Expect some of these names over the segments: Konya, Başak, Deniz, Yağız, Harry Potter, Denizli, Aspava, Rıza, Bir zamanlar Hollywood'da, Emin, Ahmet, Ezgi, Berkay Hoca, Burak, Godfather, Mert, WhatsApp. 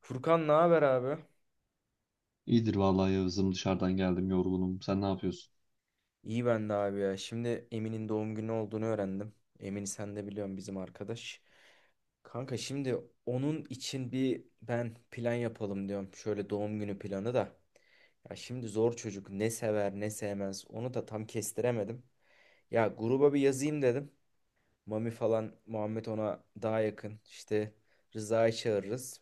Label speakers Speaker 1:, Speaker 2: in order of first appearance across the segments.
Speaker 1: Furkan ne haber abi?
Speaker 2: İyidir vallahi Yağız'ım dışarıdan geldim yorgunum. Sen ne yapıyorsun?
Speaker 1: İyi ben de abi ya. Şimdi Emin'in doğum günü olduğunu öğrendim. Emin'i sen de biliyorsun, bizim arkadaş. Kanka şimdi onun için bir plan yapalım diyorum. Şöyle doğum günü planı da. Ya şimdi zor çocuk, ne sever ne sevmez onu da tam kestiremedim. Ya gruba bir yazayım dedim. Mami falan Muhammed ona daha yakın. İşte Rıza'yı çağırırız.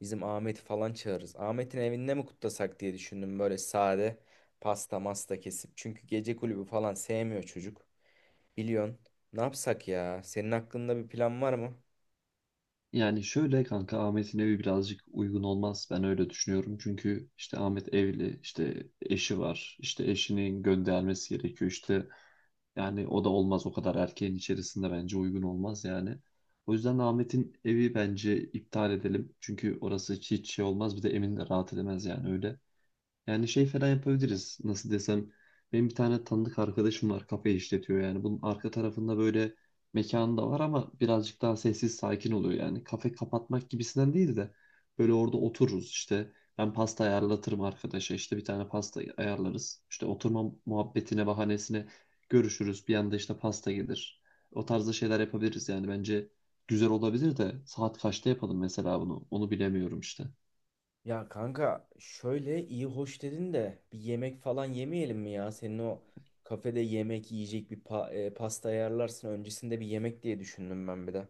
Speaker 1: Bizim Ahmet'i falan çağırırız. Ahmet'in evinde mi kutlasak diye düşündüm, böyle sade pasta masta kesip. Çünkü gece kulübü falan sevmiyor çocuk. Biliyorsun. Ne yapsak ya? Senin aklında bir plan var mı?
Speaker 2: Yani şöyle kanka Ahmet'in evi birazcık uygun olmaz. Ben öyle düşünüyorum. Çünkü işte Ahmet evli, işte eşi var. İşte eşinin göndermesi gerekiyor. İşte yani o da olmaz o kadar erkeğin içerisinde bence uygun olmaz yani. O yüzden Ahmet'in evi bence iptal edelim. Çünkü orası hiç şey olmaz. Bir de Emin de rahat edemez yani öyle. Yani şey falan yapabiliriz. Nasıl desem. Benim bir tane tanıdık arkadaşım var. Kafe işletiyor yani. Bunun arka tarafında böyle mekanı da var ama birazcık daha sessiz sakin oluyor yani. Kafe kapatmak gibisinden değil de böyle orada otururuz işte. Ben pasta ayarlatırım arkadaşa. İşte bir tane pasta ayarlarız. İşte oturma muhabbetine bahanesine görüşürüz. Bir anda işte pasta gelir. O tarzda şeyler yapabiliriz yani. Bence güzel olabilir de saat kaçta yapalım mesela bunu? Onu bilemiyorum işte.
Speaker 1: Ya kanka şöyle iyi hoş dedin de bir yemek falan yemeyelim mi ya? Senin o kafede yemek yiyecek pasta ayarlarsın, öncesinde bir yemek diye düşündüm ben bir de.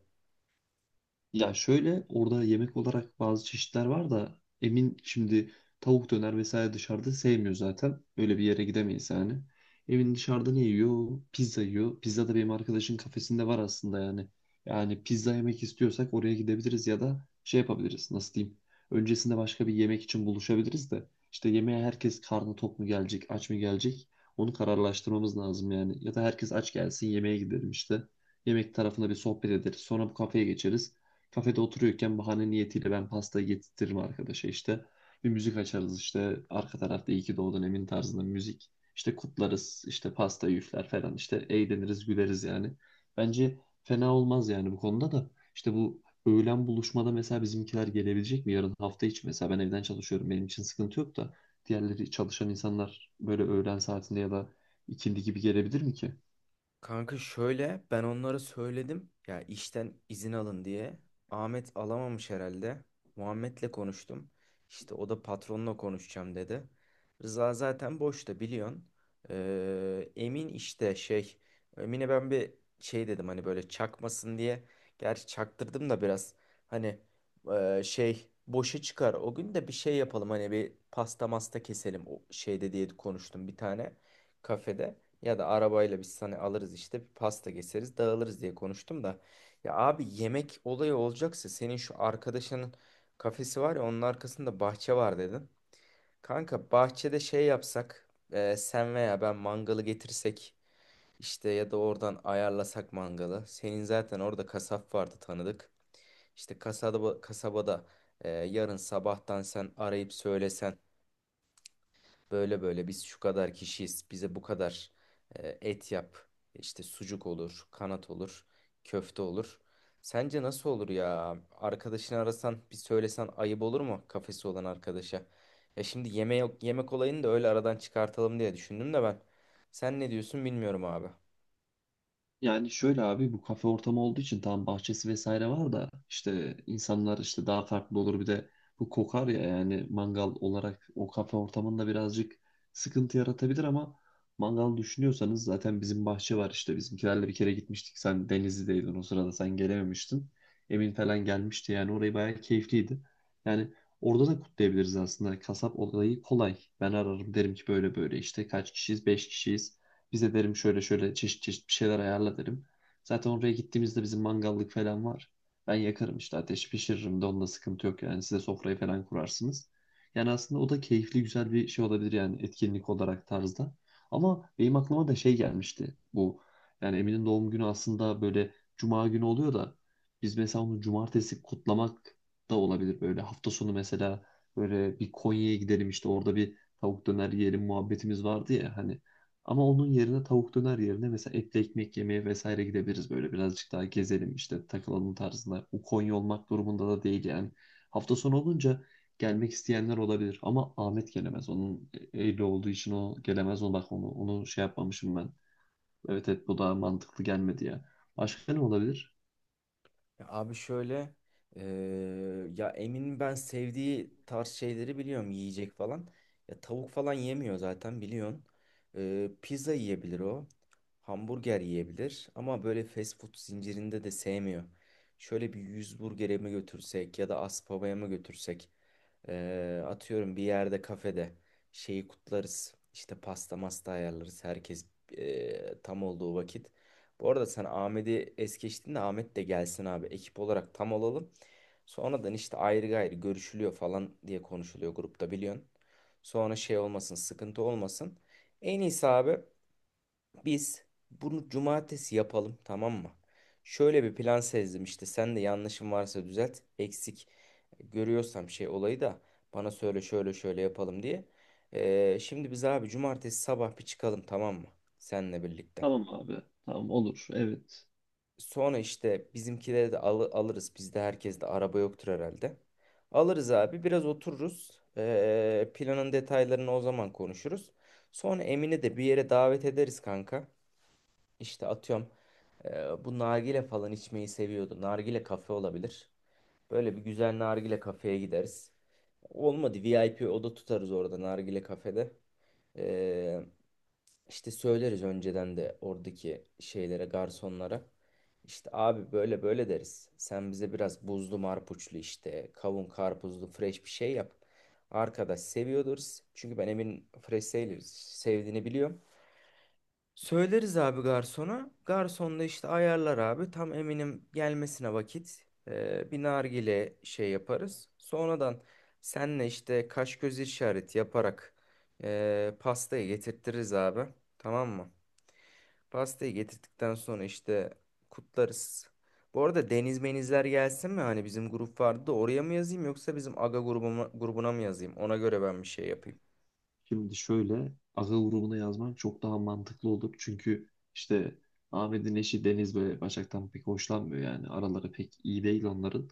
Speaker 2: Ya şöyle orada yemek olarak bazı çeşitler var da emin şimdi tavuk döner vesaire dışarıda sevmiyor zaten. Öyle bir yere gidemeyiz yani. Emin dışarıda ne yiyor? Pizza yiyor. Pizza da benim arkadaşın kafesinde var aslında yani. Yani pizza yemek istiyorsak oraya gidebiliriz ya da şey yapabiliriz. Nasıl diyeyim? Öncesinde başka bir yemek için buluşabiliriz de işte yemeğe herkes karnı tok mu gelecek, aç mı gelecek? Onu kararlaştırmamız lazım yani. Ya da herkes aç gelsin yemeğe gidelim işte. Yemek tarafında bir sohbet ederiz. Sonra bu kafeye geçeriz kafede oturuyorken bahane niyetiyle ben pastayı getirtirim arkadaşa işte. Bir müzik açarız işte arka tarafta iyi ki doğdun Emin tarzında müzik. İşte kutlarız işte pasta üfler falan işte eğleniriz güleriz yani. Bence fena olmaz yani bu konuda da. İşte bu öğlen buluşmada mesela bizimkiler gelebilecek mi? Yarın hafta içi mesela ben evden çalışıyorum benim için sıkıntı yok da. Diğerleri çalışan insanlar böyle öğlen saatinde ya da ikindi gibi gelebilir mi ki?
Speaker 1: Kanka şöyle, ben onlara söyledim ya işten izin alın diye. Ahmet alamamış herhalde. Muhammed'le konuştum. İşte o da patronla konuşacağım dedi. Rıza zaten boşta biliyorsun. Emin işte Emin'e ben bir şey dedim hani böyle çakmasın diye. Gerçi çaktırdım da biraz hani şey boşa çıkar. O gün de bir şey yapalım hani, bir pasta masta keselim o şeyde diye konuştum bir tane kafede. Ya da arabayla biz hani alırız işte, bir pasta keseriz dağılırız diye konuştum da. Ya abi yemek olayı olacaksa senin şu arkadaşının kafesi var ya, onun arkasında bahçe var dedin. Kanka bahçede şey yapsak, sen veya ben mangalı getirsek işte, ya da oradan ayarlasak mangalı. Senin zaten orada kasap vardı tanıdık. Kasabada yarın sabahtan sen arayıp söylesen. Böyle böyle biz şu kadar kişiyiz. Bize bu kadar et yap. İşte sucuk olur, kanat olur, köfte olur. Sence nasıl olur ya? Arkadaşını arasan, bir söylesen ayıp olur mu kafesi olan arkadaşa? Ya şimdi yeme yok, yemek olayını da öyle aradan çıkartalım diye düşündüm de ben. Sen ne diyorsun bilmiyorum abi.
Speaker 2: Yani şöyle abi bu kafe ortamı olduğu için tam bahçesi vesaire var da işte insanlar işte daha farklı olur bir de bu kokar ya yani mangal olarak o kafe ortamında birazcık sıkıntı yaratabilir ama mangal düşünüyorsanız zaten bizim bahçe var işte bizimkilerle bir kere gitmiştik sen Denizli'deydin o sırada sen gelememiştin Emin falan gelmişti yani orayı bayağı keyifliydi yani orada da kutlayabiliriz aslında kasap olayı kolay ben ararım derim ki böyle böyle işte kaç kişiyiz 5 kişiyiz bize derim şöyle şöyle çeşit çeşit bir şeyler ayarla derim. Zaten oraya gittiğimizde bizim mangallık falan var. Ben yakarım işte ateş pişiririm de onda sıkıntı yok yani size sofrayı falan kurarsınız. Yani aslında o da keyifli güzel bir şey olabilir yani etkinlik olarak tarzda. Ama benim aklıma da şey gelmişti bu. Yani Emin'in doğum günü aslında böyle cuma günü oluyor da biz mesela onu cumartesi kutlamak da olabilir böyle hafta sonu mesela böyle bir Konya'ya gidelim işte orada bir tavuk döner yiyelim muhabbetimiz vardı ya hani ama onun yerine tavuk döner yerine mesela etli ekmek yemeye vesaire gidebiliriz böyle birazcık daha gezelim işte takılalım tarzında. O Konya olmak durumunda da değil yani. Hafta sonu olunca gelmek isteyenler olabilir ama Ahmet gelemez. Onun evli olduğu için o gelemez. Onu bak onu şey yapmamışım ben. Evet evet bu daha mantıklı gelmedi ya. Başka ne olabilir?
Speaker 1: Ya abi şöyle, eee, ya Emin'in ben sevdiği tarz şeyleri biliyorum yiyecek falan. Ya tavuk falan yemiyor zaten biliyorsun. Pizza yiyebilir o. Hamburger yiyebilir ama böyle fast food zincirinde de sevmiyor. Şöyle bir yüz burgere mi götürsek ya da Aspava'ya mı götürsek, atıyorum bir yerde kafede şeyi kutlarız. İşte pasta masta ayarlarız herkes tam olduğu vakit. Bu arada sen Ahmet'i es geçtin de, Ahmet de gelsin abi, ekip olarak tam olalım. Sonradan işte ayrı gayrı görüşülüyor falan diye konuşuluyor grupta, biliyorsun. Sonra şey olmasın, sıkıntı olmasın. En iyisi abi. Biz bunu cumartesi yapalım, tamam mı? Şöyle bir plan sezdim işte, sen de yanlışım varsa düzelt. Eksik görüyorsam şey olayı da bana söyle, şöyle şöyle yapalım diye. Şimdi biz abi cumartesi sabah bir çıkalım, tamam mı? Seninle birlikte.
Speaker 2: Tamam abi. Tamam olur. Evet.
Speaker 1: Sonra işte alırız. Bizde herkes de araba yoktur herhalde. Alırız abi, biraz otururuz. Planın detaylarını o zaman konuşuruz. Sonra Emin'i de bir yere davet ederiz kanka. İşte atıyorum bu nargile falan içmeyi seviyordu. Nargile kafe olabilir. Böyle bir güzel nargile kafeye gideriz. Olmadı VIP oda tutarız orada nargile kafede. E, işte söyleriz önceden de oradaki şeylere, garsonlara. İşte abi böyle böyle deriz. Sen bize biraz buzlu marpuçlu işte kavun karpuzlu fresh bir şey yap. Arkadaş seviyordur. Çünkü ben Emin fresh sevdiğini biliyorum. Söyleriz abi garsona. Garson da işte ayarlar abi. Tam eminim gelmesine vakit. Bir nargile şey yaparız. Sonradan senle işte kaş göz işareti yaparak pastayı getirtiriz abi. Tamam mı? Pastayı getirdikten sonra işte kutlarız. Bu arada deniz menizler gelsin mi? Hani bizim grup vardı da oraya mı yazayım, yoksa bizim aga grubuna mı yazayım? Ona göre ben bir şey yapayım.
Speaker 2: Şimdi şöyle akıl grubuna yazman çok daha mantıklı olur. Çünkü işte Ahmet'in eşi Deniz böyle Başak'tan pek hoşlanmıyor yani. Araları pek iyi değil onların.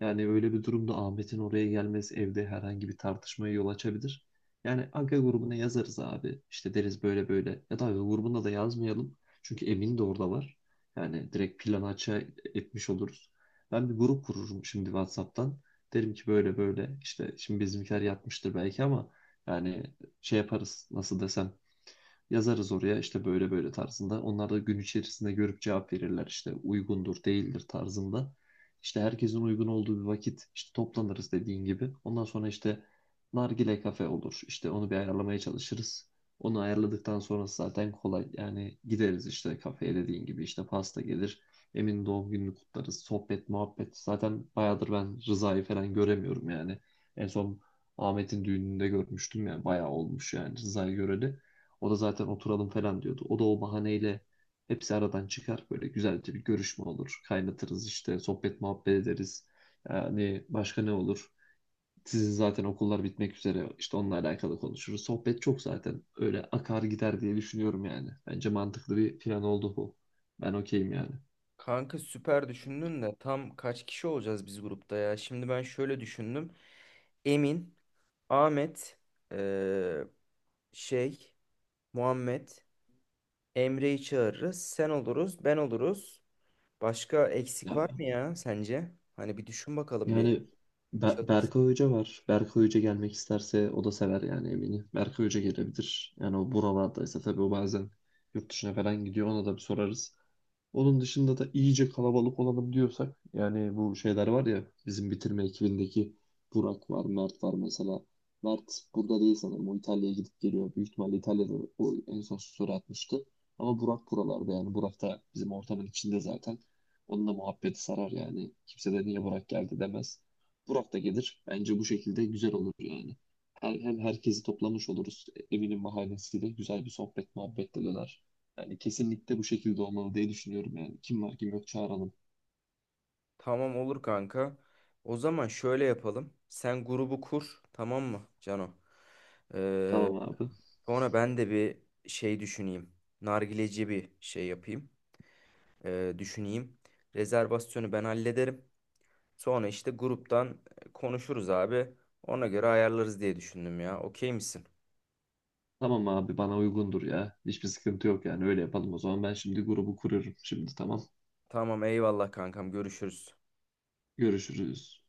Speaker 2: Yani öyle bir durumda Ahmet'in oraya gelmesi evde herhangi bir tartışmaya yol açabilir. Yani Aga grubuna yazarız abi. İşte deriz böyle böyle. Ya da Aga grubuna da yazmayalım. Çünkü Emin de orada var. Yani direkt planı açığa etmiş oluruz. Ben bir grup kururum şimdi WhatsApp'tan. Derim ki böyle böyle işte şimdi bizimkiler yatmıştır belki ama yani şey yaparız. Nasıl desem. Yazarız oraya işte böyle böyle tarzında. Onlar da gün içerisinde görüp cevap verirler işte uygundur değildir tarzında. İşte herkesin uygun olduğu bir vakit işte toplanırız dediğin gibi. Ondan sonra işte nargile kafe olur. İşte onu bir ayarlamaya çalışırız. Onu ayarladıktan sonrası zaten kolay. Yani gideriz işte kafeye dediğin gibi işte pasta gelir. Emin doğum gününü kutlarız. Sohbet, muhabbet. Zaten bayağıdır ben Rıza'yı falan göremiyorum yani. En son Ahmet'in düğününde görmüştüm yani bayağı olmuş yani Rıza'yı göreli. O da zaten oturalım falan diyordu. O da o bahaneyle hepsi aradan çıkar. Böyle güzelce bir görüşme olur. Kaynatırız işte sohbet muhabbet ederiz. Yani başka ne olur? Sizin zaten okullar bitmek üzere işte onunla alakalı konuşuruz. Sohbet çok zaten öyle akar gider diye düşünüyorum yani. Bence mantıklı bir plan oldu bu. Ben okeyim yani.
Speaker 1: Kanka süper düşündün de tam kaç kişi olacağız biz grupta ya? Şimdi ben şöyle düşündüm. Emin, Ahmet, eee, şey, Muhammed, Emre'yi çağırırız. Sen oluruz, ben oluruz. Başka eksik var mı
Speaker 2: Ya-
Speaker 1: ya sence? Hani bir düşün bakalım bir.
Speaker 2: Yani
Speaker 1: Çalış-
Speaker 2: Berkay Hoca var. Berkay Hoca gelmek isterse o da sever yani eminim. Berkay Hoca gelebilir. Yani o buralardaysa tabii o bazen yurt dışına falan gidiyor. Ona da bir sorarız. Onun dışında da iyice kalabalık olalım diyorsak yani bu şeyler var ya bizim bitirme ekibindeki Burak var, Mert var mesela. Mert burada değil sanırım. O İtalya'ya gidip geliyor. Büyük ihtimalle İtalya'da o en son story atmıştı. Ama Burak buralarda yani. Burak da bizim ortamın içinde zaten. Onunla muhabbeti sarar yani. Kimse de niye Burak geldi demez. Burak da gelir. Bence bu şekilde güzel olur yani. Hem herkesi toplamış oluruz. Eminim bahanesiyle güzel bir sohbet muhabbet de döner. Yani kesinlikle bu şekilde olmalı diye düşünüyorum yani. Kim var kim yok çağıralım.
Speaker 1: Tamam olur kanka. O zaman şöyle yapalım. Sen grubu kur, tamam mı Cano? Eee,
Speaker 2: Tamam abi.
Speaker 1: sonra ben de bir şey düşüneyim. Nargileci bir şey yapayım. Düşüneyim. Rezervasyonu ben hallederim. Sonra işte gruptan konuşuruz abi. Ona göre ayarlarız diye düşündüm ya. Okey misin?
Speaker 2: Tamam abi bana uygundur ya. Hiçbir sıkıntı yok yani öyle yapalım o zaman. Ben şimdi grubu kuruyorum şimdi tamam.
Speaker 1: Tamam eyvallah kankam, görüşürüz.
Speaker 2: Görüşürüz.